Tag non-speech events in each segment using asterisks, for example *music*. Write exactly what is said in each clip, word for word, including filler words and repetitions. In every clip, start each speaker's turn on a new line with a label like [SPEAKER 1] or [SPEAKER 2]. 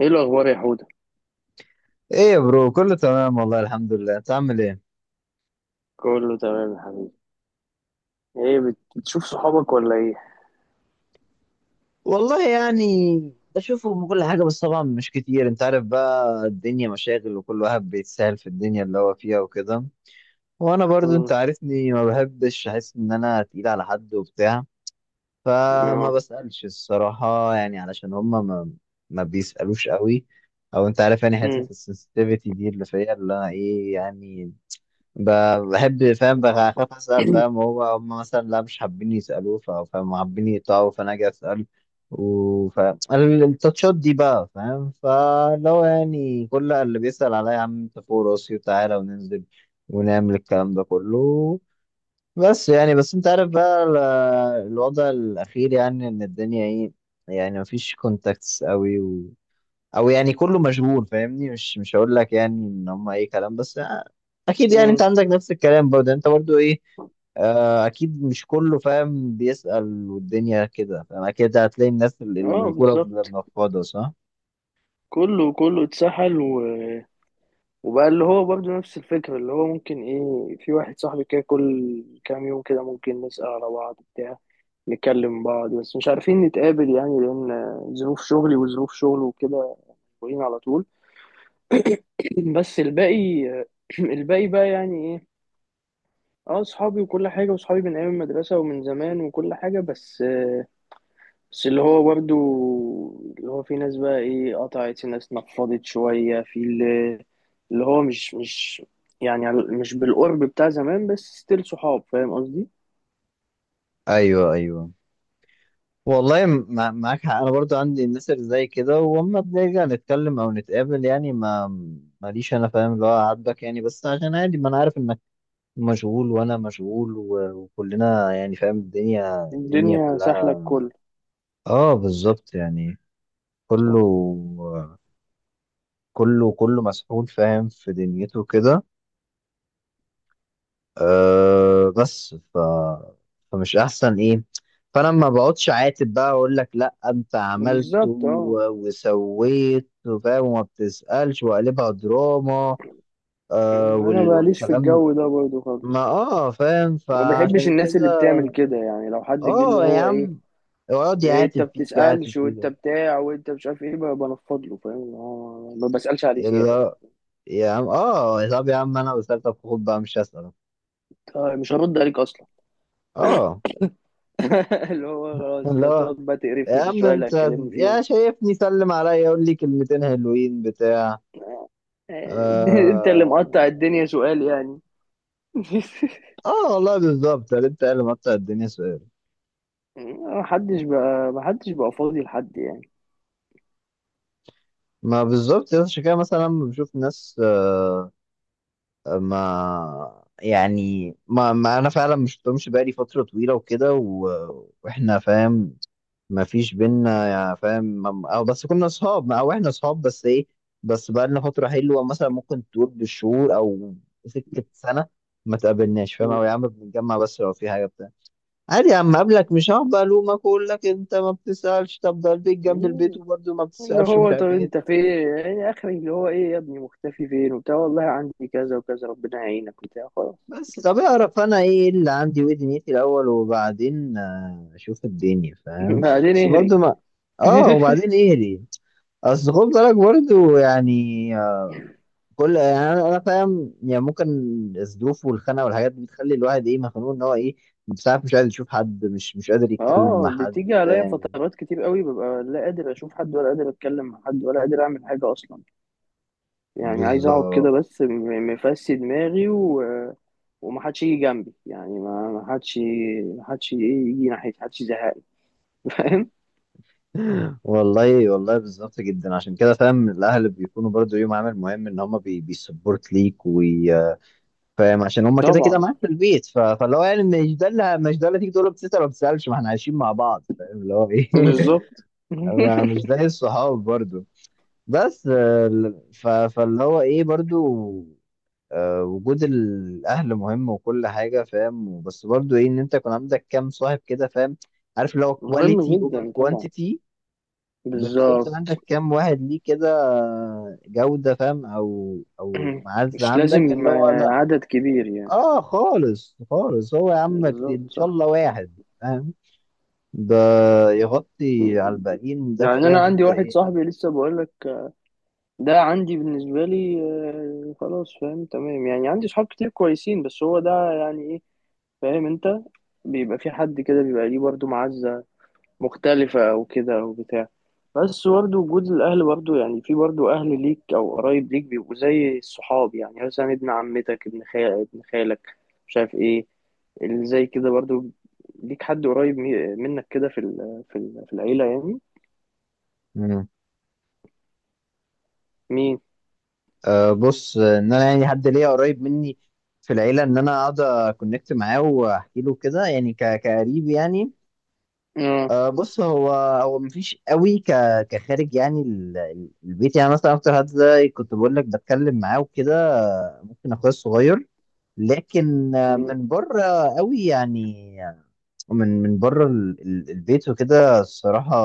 [SPEAKER 1] ايه الاخبار يا حوده؟
[SPEAKER 2] ايه يا برو؟ كله تمام والله، الحمد لله. انت عامل ايه؟
[SPEAKER 1] كله تمام يا حبيبي. ايه بت- بتشوف صحابك ولا ايه؟
[SPEAKER 2] والله يعني، بشوفه من كل حاجة، بس طبعا مش كتير، انت عارف بقى، الدنيا مشاغل وكل واحد بيتسهل في الدنيا اللي هو فيها وكده. وانا برضو انت
[SPEAKER 1] امم.
[SPEAKER 2] عارفني، ما بحبش احس ان انا تقيل على حد وبتاع. فما
[SPEAKER 1] اه.
[SPEAKER 2] بسألش الصراحة يعني علشان هما ما, ما بيسألوش قوي. او انت عارف يعني، حتة
[SPEAKER 1] امم.
[SPEAKER 2] السنسيتيفيتي دي اللي فيا اللي انا ايه يعني. ب- بحب، فاهم، بخاف اسال، فاهم هو هم مثلا لا مش حابين يسالوه، ف- فاهم حابين يقطعوا، فانا اجي اسال. وف التاتشات دي بقى، فاهم، فلو يعني كل اللي بيسال عليا، يا عم انت فوق راسي وتعالى وننزل ونعمل الكلام ده كله. بس يعني بس انت عارف بقى ال- الوضع الاخير، يعني ان الدنيا ايه، يعني مفيش كونتاكتس قوي، او يعني كله مشغول فاهمني، مش مش هقول لك يعني ان هم اي كلام، بس آه، اكيد يعني انت
[SPEAKER 1] امم.
[SPEAKER 2] عندك نفس الكلام برضه، يعني انت برضه ايه. آه، اكيد مش كله فاهم بيسأل والدنيا كده، فاهم، اكيد هتلاقي الناس اللي اللي
[SPEAKER 1] اه،
[SPEAKER 2] مشغوله بتبقى
[SPEAKER 1] بالظبط.
[SPEAKER 2] منفضه، صح.
[SPEAKER 1] كله كله اتسحل، و... وبقى اللي هو برضه نفس الفكره اللي هو ممكن ايه في واحد صاحبي كده كل كام يوم كده ممكن نسأل على بعض بتاع، نكلم بعض بس مش عارفين نتقابل يعني لان ظروف شغلي وظروف شغله وكده، مشغولين على طول. بس الباقي *clears throat* الباقي بقى يعني ايه، اه صحابي وكل حاجة وصحابي من أيام المدرسة ومن زمان وكل حاجة بس آه، بس اللي هو برضه، اللي هو في ناس بقى ايه قطعت، في ناس نفضت شوية، في اللي, اللي هو مش مش يعني على- مش بالقرب بتاع زمان، بس ستيل صحاب، فاهم قصدي.
[SPEAKER 2] ايوه، ايوه، والله مع- معاك حق. انا برضو عندي الناس اللي زي كده، واما بنرجع نتكلم او نتقابل يعني ما ماليش انا فاهم اللي هو عاتبك يعني، بس عشان عادي، ما انا عارف انك مشغول وانا مشغول و- وكلنا يعني فاهم، الدنيا الدنيا
[SPEAKER 1] الدنيا سهلة
[SPEAKER 2] كلها.
[SPEAKER 1] الكل.
[SPEAKER 2] اه بالظبط يعني كله
[SPEAKER 1] صح.
[SPEAKER 2] كله كله مسحول فاهم في دنيته كده. آه بس ف فمش احسن ايه. فانا ما بقعدش عاتب بقى اقول لك لا، انت عملت
[SPEAKER 1] بالظبط، اه.
[SPEAKER 2] و- وسويت فاهم وما بتسألش وقلبها دراما. آه
[SPEAKER 1] أنا
[SPEAKER 2] وال...
[SPEAKER 1] ماليش في
[SPEAKER 2] والكلام.
[SPEAKER 1] الجو ده برضه
[SPEAKER 2] ما،
[SPEAKER 1] خالص،
[SPEAKER 2] اه فاهم،
[SPEAKER 1] وما بحبش
[SPEAKER 2] فعشان
[SPEAKER 1] الناس اللي
[SPEAKER 2] كده.
[SPEAKER 1] بتعمل كده. يعني لو حد جه اللي
[SPEAKER 2] اه، يا
[SPEAKER 1] هو ايه،
[SPEAKER 2] عم، اقعد
[SPEAKER 1] إيه انت
[SPEAKER 2] يعاتب فيك يعاتب
[SPEAKER 1] بتسألش وانت
[SPEAKER 2] فيك.
[SPEAKER 1] بتاع وانت مش عارف ايه بقى بنفض له، فاهم اللي هو ما بسألش عليه
[SPEAKER 2] اللي
[SPEAKER 1] زيادة بقى.
[SPEAKER 2] هو، يا عم، اه طب يا عم انا وصلت، طب خد بقى مش هسأل.
[SPEAKER 1] طيب مش هرد عليك اصلا.
[SPEAKER 2] اه،
[SPEAKER 1] *laughs* اللي هو خلاص انت
[SPEAKER 2] اللي هو،
[SPEAKER 1] هتقعد بقى
[SPEAKER 2] يا
[SPEAKER 1] تقرفني في
[SPEAKER 2] عم
[SPEAKER 1] الشوية اللي
[SPEAKER 2] انت،
[SPEAKER 1] هتكلمني فيهم.
[SPEAKER 2] يا شايفني سلم عليا يقول لي كلمتين حلوين بتاع.
[SPEAKER 1] آه، *laughs* انت اللي
[SPEAKER 2] اه،
[SPEAKER 1] مقطع الدنيا سؤال يعني. *laughs*
[SPEAKER 2] اه، والله بالظبط اللي انت قال، مقطع الدنيا سؤال.
[SPEAKER 1] محدش بقى محدش بقى فاضي لحد يعني.
[SPEAKER 2] ما بالظبط، يا عشان كده مثلا لما بشوف ناس، آه ما يعني ما, ما انا فعلا مش شفتهمش بقالي فتره طويله وكده و... واحنا فاهم، ما فيش بينا، يا فاهم، مم- أو بس كنا اصحاب او احنا اصحاب بس ايه، بس بقى لنا فتره حلوه مثلا، ممكن تقول بالشهور او سكه سنه ما تقابلناش، فاهم،
[SPEAKER 1] مم.
[SPEAKER 2] او يا عم بنتجمع بس لو في حاجه بتاع. عادي يا عم، قبلك مش هقعد بقى الومك اقول لك انت ما بتسالش، طب ده البيت جنب البيت
[SPEAKER 1] مم.
[SPEAKER 2] وبرده ما
[SPEAKER 1] اللي
[SPEAKER 2] بتسالش، مش
[SPEAKER 1] هو طب
[SPEAKER 2] عارف ايه.
[SPEAKER 1] انت فين يعني اخري، اللي هو ايه يا ابني مختفي فين وبتاع، والله عندي كذا وكذا، ربنا يعينك وبتاع، خلاص.
[SPEAKER 2] بس طب اعرف انا ايه اللي عندي وايه دنيتي الاول، وبعدين آه، اشوف الدنيا،
[SPEAKER 1] *laughs*
[SPEAKER 2] فاهم.
[SPEAKER 1] بعدين
[SPEAKER 2] بس
[SPEAKER 1] اهري.
[SPEAKER 2] برده ما، اه
[SPEAKER 1] *laughs*
[SPEAKER 2] وبعدين ايه ليه؟ اصل خد بالك برضو يعني، آه، كل يعني انا أنا فاهم، يعني ممكن الظروف والخناقه والحاجات دي بتخلي الواحد ايه، مخنوق ان هو ايه، ساعات مش قادر يشوف حد، مش مش قادر يتكلم مع
[SPEAKER 1] اه، بتيجي
[SPEAKER 2] حد،
[SPEAKER 1] عليا
[SPEAKER 2] فاهم.
[SPEAKER 1] فترات كتير قوي ببقى لا قادر اشوف حد، ولا قادر اتكلم مع حد، ولا قادر اعمل حاجه اصلا. يعني عايز اقعد كده،
[SPEAKER 2] بالظبط.
[SPEAKER 1] بس م- مفسي دماغي، و... ومحدش يجي جنبي يعني، ما محدش، محدش ايه يجي ناحيتي، محدش يزهقني. *laughs* فاهم.
[SPEAKER 2] والله والله بالظبط جدا، عشان كده فاهم الاهل بيكونوا برضو ليهم عامل مهم، ان هم بي بيسبورت ليك، وفاهم عشان هم كده كده
[SPEAKER 1] طبعا.
[SPEAKER 2] معاك في البيت، ف- فاللي هو يعني مش ده اللي مش ده اللي تيجي تقول له بتسال ولا ما بتسالش، ما احنا عايشين مع بعض فاهم اللي هو ايه
[SPEAKER 1] بالظبط.
[SPEAKER 2] *laughs* ما-
[SPEAKER 1] *laughs*
[SPEAKER 2] مش زي الصحاب برضو. بس، آه، ف- فاللي هو ايه برضو، آه، وجود الاهل مهم وكل حاجه فاهم، بس برضو ايه ان انت يكون عندك كام صاحب كده، فاهم، عارف اللي هو
[SPEAKER 1] مهم
[SPEAKER 2] كواليتي اوفر
[SPEAKER 1] جدا طبعا.
[SPEAKER 2] كوانتيتي. بالظبط، إن
[SPEAKER 1] بالظبط.
[SPEAKER 2] عندك كام واحد ليه كده، جوده فاهم، او او
[SPEAKER 1] *clears throat*
[SPEAKER 2] معزه
[SPEAKER 1] مش
[SPEAKER 2] عندك
[SPEAKER 1] لازم
[SPEAKER 2] اللي هو
[SPEAKER 1] آه،
[SPEAKER 2] لا.
[SPEAKER 1] عدد كبير يعني.
[SPEAKER 2] اه، خالص خالص، هو يا عم كتير، ان
[SPEAKER 1] بالظبط،
[SPEAKER 2] شاء
[SPEAKER 1] صح.
[SPEAKER 2] الله واحد فاهم ده يغطي على الباقيين، ده
[SPEAKER 1] يعني
[SPEAKER 2] كفايه
[SPEAKER 1] انا
[SPEAKER 2] ان
[SPEAKER 1] عندي
[SPEAKER 2] انت
[SPEAKER 1] واحد
[SPEAKER 2] ايه.
[SPEAKER 1] صاحبي، لسه بقول لك ده عندي بالنسبة لي. آه، خلاص فاهم، تمام يعني، عندي صحاب كتير كويسين، بس هو ده يعني ايه، فاهم انت، بيبقى في حد كده بيبقى ليه برضه معزة مختلفة او كده او بتاع. بس برضه وجود الاهل، برضه يعني في برضه اهل ليك او قرايب ليك بيبقوا زي الصحاب، يعني مثلا ابن عمتك، ابن خالك، ابن خالك مش عارف ايه، اللي زي كده برضه ليك حد قريب مي- منك كده في ال- في ال- في العيلة يعني. مين؟
[SPEAKER 2] أه بص، ان انا يعني حد ليا قريب مني في العيله ان انا اقعد اكونكت معاه واحكي له كده، يعني ك- كقريب يعني.
[SPEAKER 1] اه
[SPEAKER 2] أه بص، هو هو مفيش قوي ك كخارج، يعني ال- ال- البيت، يعني مثلا اكتر حد ده كنت بقول لك بتكلم معاه وكده، آه، ممكن اخويا الصغير. لكن آه، من بره قوي يعني، من من بره ال- ال- البيت وكده الصراحه،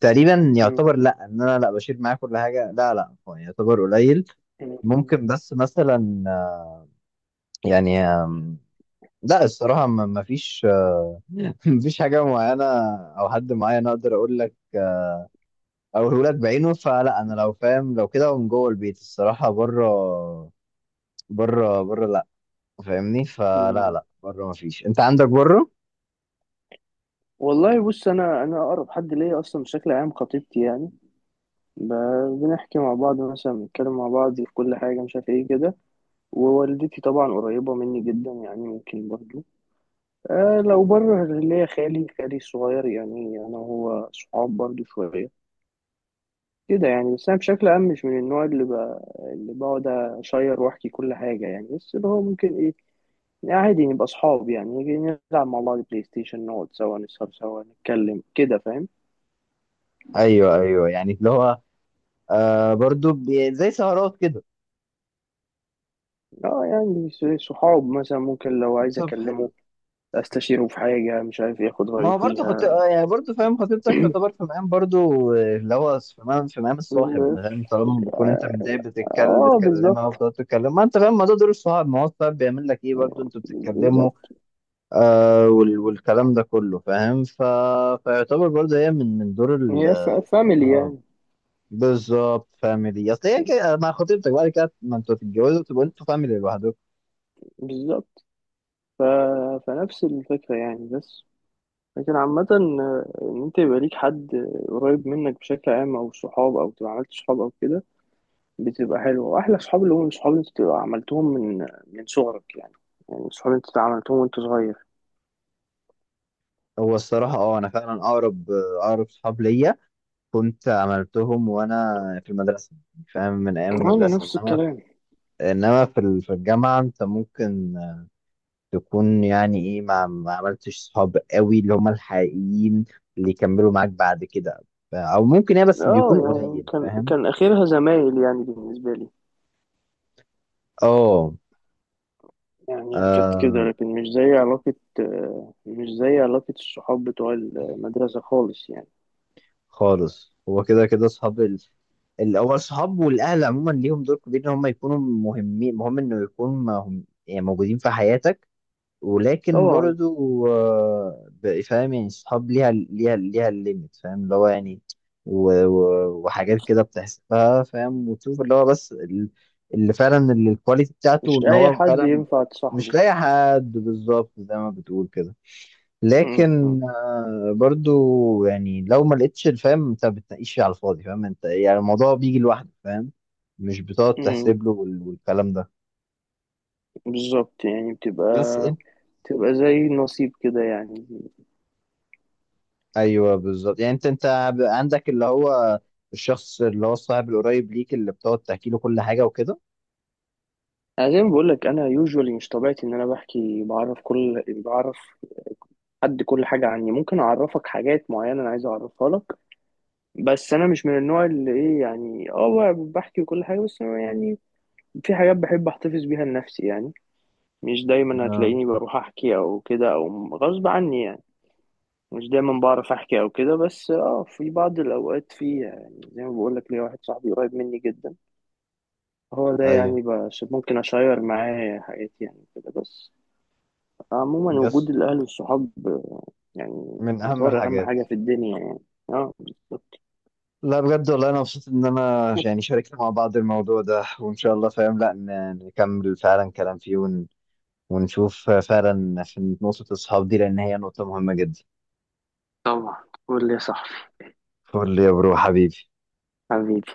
[SPEAKER 2] تقريبا يعتبر لا، ان انا لا بشيل معاه كل حاجه، لا، لا، هو يعتبر قليل. ممكن بس مثلا آه، يعني آم، لا الصراحة ما ما فيش آه، *laughs* ما فيش حاجة معينة أو حد معين أقدر أقول لك أقوله لك بعينه. فلا أنا لو فاهم، لو كده، من جوه البيت الصراحة. بره، بره، بره، لا فاهمني، فلا، لا بره ما فيش. أنت عندك بره؟
[SPEAKER 1] والله بص، انا انا اقرب حد ليا اصلا بشكل عام خطيبتي يعني، ب- بنحكي مع بعض، مثلا بنتكلم مع بعض في كل حاجه، مش عارف ايه كده. ووالدتي طبعا قريبه مني جدا يعني، ممكن برضو آه لو بره اللي هي خالي خالي الصغير، يعني انا وهو صحاب برضو شويه كده يعني. بس انا بشكل عام مش من النوع اللي ب... اللي بقعد اشير واحكي كل حاجه يعني، بس اللي هو ممكن ايه، يعني عادي نبقى صحاب، يعني نيجي نلعب مع بعض بلاي ستيشن، نقعد سوا، نسهر سوا، نتكلم كده، فاهم.
[SPEAKER 2] أيوه، أيوه، يعني اللي هو آه برضو بي- زي سهرات
[SPEAKER 1] اه يعني س- صحاب، مثلا ممكن لو عايز
[SPEAKER 2] كده.
[SPEAKER 1] اكلمه، استشيره في حاجة، مش عارف ياخد
[SPEAKER 2] ما
[SPEAKER 1] رأيه
[SPEAKER 2] هو برضه خط...
[SPEAKER 1] فيها.
[SPEAKER 2] آه يعني برضه فاهم خطيبتك تعتبر في مقام برضه، آه، اللي هو في مقام في مقام الصاحب فاهم، طالما بتكون انت متضايق بتتكلم
[SPEAKER 1] اه
[SPEAKER 2] بتكلمها
[SPEAKER 1] بالظبط.
[SPEAKER 2] وبتقعد تتكلم، ما انت فاهم، ما ده دور الصاحب، ما هو الصاحب بيعمل لك ايه برضه، انتوا بتتكلموا،
[SPEAKER 1] بالظبط.
[SPEAKER 2] آه وال... والكلام ده كله فاهم ف... فيعتبر برضه هي من من دور ال
[SPEAKER 1] هي ف- فاميلي
[SPEAKER 2] آه،
[SPEAKER 1] يعني.
[SPEAKER 2] بالظبط، فاميلي، اصل هي كده، مع خطيبتك بعد كده ما انتوا تتجوزوا تبقوا انتوا فاميلي لوحدكم.
[SPEAKER 1] بالظبط. ف... فنفس الفكرة يعني. بس لكن عامة، آه، إن أنت يبقى ليك حد قريب منك بشكل عام، أو صحاب، أو تبقى عملت صحاب أو كده، بتبقى حلوة. وأحلى صحاب اللي هم الصحاب اللي أنت بتبقى عملتهم من من صغرك يعني، يعني صحاب أنت عملتهم وأنت صغير.
[SPEAKER 2] هو الصراحة اه انا فعلا اقرب، آه، اقرب صحاب ليا كنت عملتهم وانا في المدرسه، يعني فاهم من ايام
[SPEAKER 1] وأنا
[SPEAKER 2] المدرسه.
[SPEAKER 1] نفس
[SPEAKER 2] انما
[SPEAKER 1] الكلام.
[SPEAKER 2] انما في ال- في الجامعه انت ممكن تكون يعني ايه ما, ما عملتش صحاب قوي اللي هم الحقيقيين اللي يكملوا معاك بعد كده، ف- او ممكن ايه بس
[SPEAKER 1] اه
[SPEAKER 2] بيكون
[SPEAKER 1] يعني
[SPEAKER 2] قليل
[SPEAKER 1] كان
[SPEAKER 2] فاهم.
[SPEAKER 1] كان اخرها زمايل يعني بالنسبه لي،
[SPEAKER 2] اه،
[SPEAKER 1] يعني كانت كده
[SPEAKER 2] آه،
[SPEAKER 1] لكن مش زي علاقه، آه، مش زي علاقه الصحاب بتوع المدرسه خالص يعني.
[SPEAKER 2] خالص هو كده كده صحاب ال- الاول. صحاب والاهل عموما ليهم دور كبير ان هم يكونوا مهمين، مهم انه يكون مهم يعني موجودين في حياتك. ولكن
[SPEAKER 1] طبعا.
[SPEAKER 2] برضو آه، ب- فاهم يعني الصحاب ليها ليها ليها الليميت فاهم اللي هو يعني، و- و- وحاجات كده بتحسبها فاهم، وتشوف اللي هو بس ال- اللي فعلا ال- الكواليتي بتاعته
[SPEAKER 1] مش
[SPEAKER 2] ان
[SPEAKER 1] اي
[SPEAKER 2] هو
[SPEAKER 1] حد
[SPEAKER 2] فعلا
[SPEAKER 1] ينفع
[SPEAKER 2] مش
[SPEAKER 1] تصاحبه.
[SPEAKER 2] لاقي حد، بالظبط زي ما بتقول كده.
[SPEAKER 1] م- م-
[SPEAKER 2] لكن آه، برضو يعني لو ما لقيتش الفهم انت بتناقش على الفاضي، فاهم انت يعني، الموضوع بيجي لوحده، فاهم، مش بتقعد
[SPEAKER 1] م-
[SPEAKER 2] تحسب له وال- والكلام ده.
[SPEAKER 1] بالظبط يعني
[SPEAKER 2] بس.
[SPEAKER 1] بتبقى بتبقى زي النصيب كده يعني.
[SPEAKER 2] ايوه بالظبط يعني انت انت ب- عندك اللي هو الشخص اللي هو الصاحب القريب ليك اللي بتقعد تحكي له كل حاجه وكده.
[SPEAKER 1] انا زي ما بقول لك، انا يوجوالي مش طبيعتي ان انا بحكي، بعرف كل بعرف حد كل حاجه عني، ممكن اعرفك حاجات معينه انا عايز اعرفها لك، بس انا مش من النوع اللي ايه يعني، اه ب- بحكي وكل حاجه، بس أنا يعني في حاجات بحب احتفظ بيها لنفسي يعني. مش دايما
[SPEAKER 2] اه.
[SPEAKER 1] هتلاقيني بروح احكي او كده او غصب عني يعني، مش دايما بعرف احكي او كده. بس اه في بعض الاوقات، في يعني زي ما بقول لك ليا واحد صاحبي قريب مني جدا، هو ده
[SPEAKER 2] ايوه.
[SPEAKER 1] يعني. بس ممكن اشير معاه حياتي يعني كده بس. عموما
[SPEAKER 2] يس.
[SPEAKER 1] وجود الاهل والصحاب يعني
[SPEAKER 2] من اهم
[SPEAKER 1] يعتبر اهم
[SPEAKER 2] الحاجات.
[SPEAKER 1] حاجه في الدنيا يعني. اه
[SPEAKER 2] لا بجد، والله انا مبسوط ان انا يعني شاركنا مع بعض الموضوع ده، وان شاء الله فاهم لا ن- نكمل فعلا كلام فيه ون... ونشوف فعلا في نقطه الصحاب دي، لان هي نقطه مهمه جدا.
[SPEAKER 1] طبعا. قول لي يا صاحبي.
[SPEAKER 2] فول يا برو حبيبي.
[SPEAKER 1] حبيبي.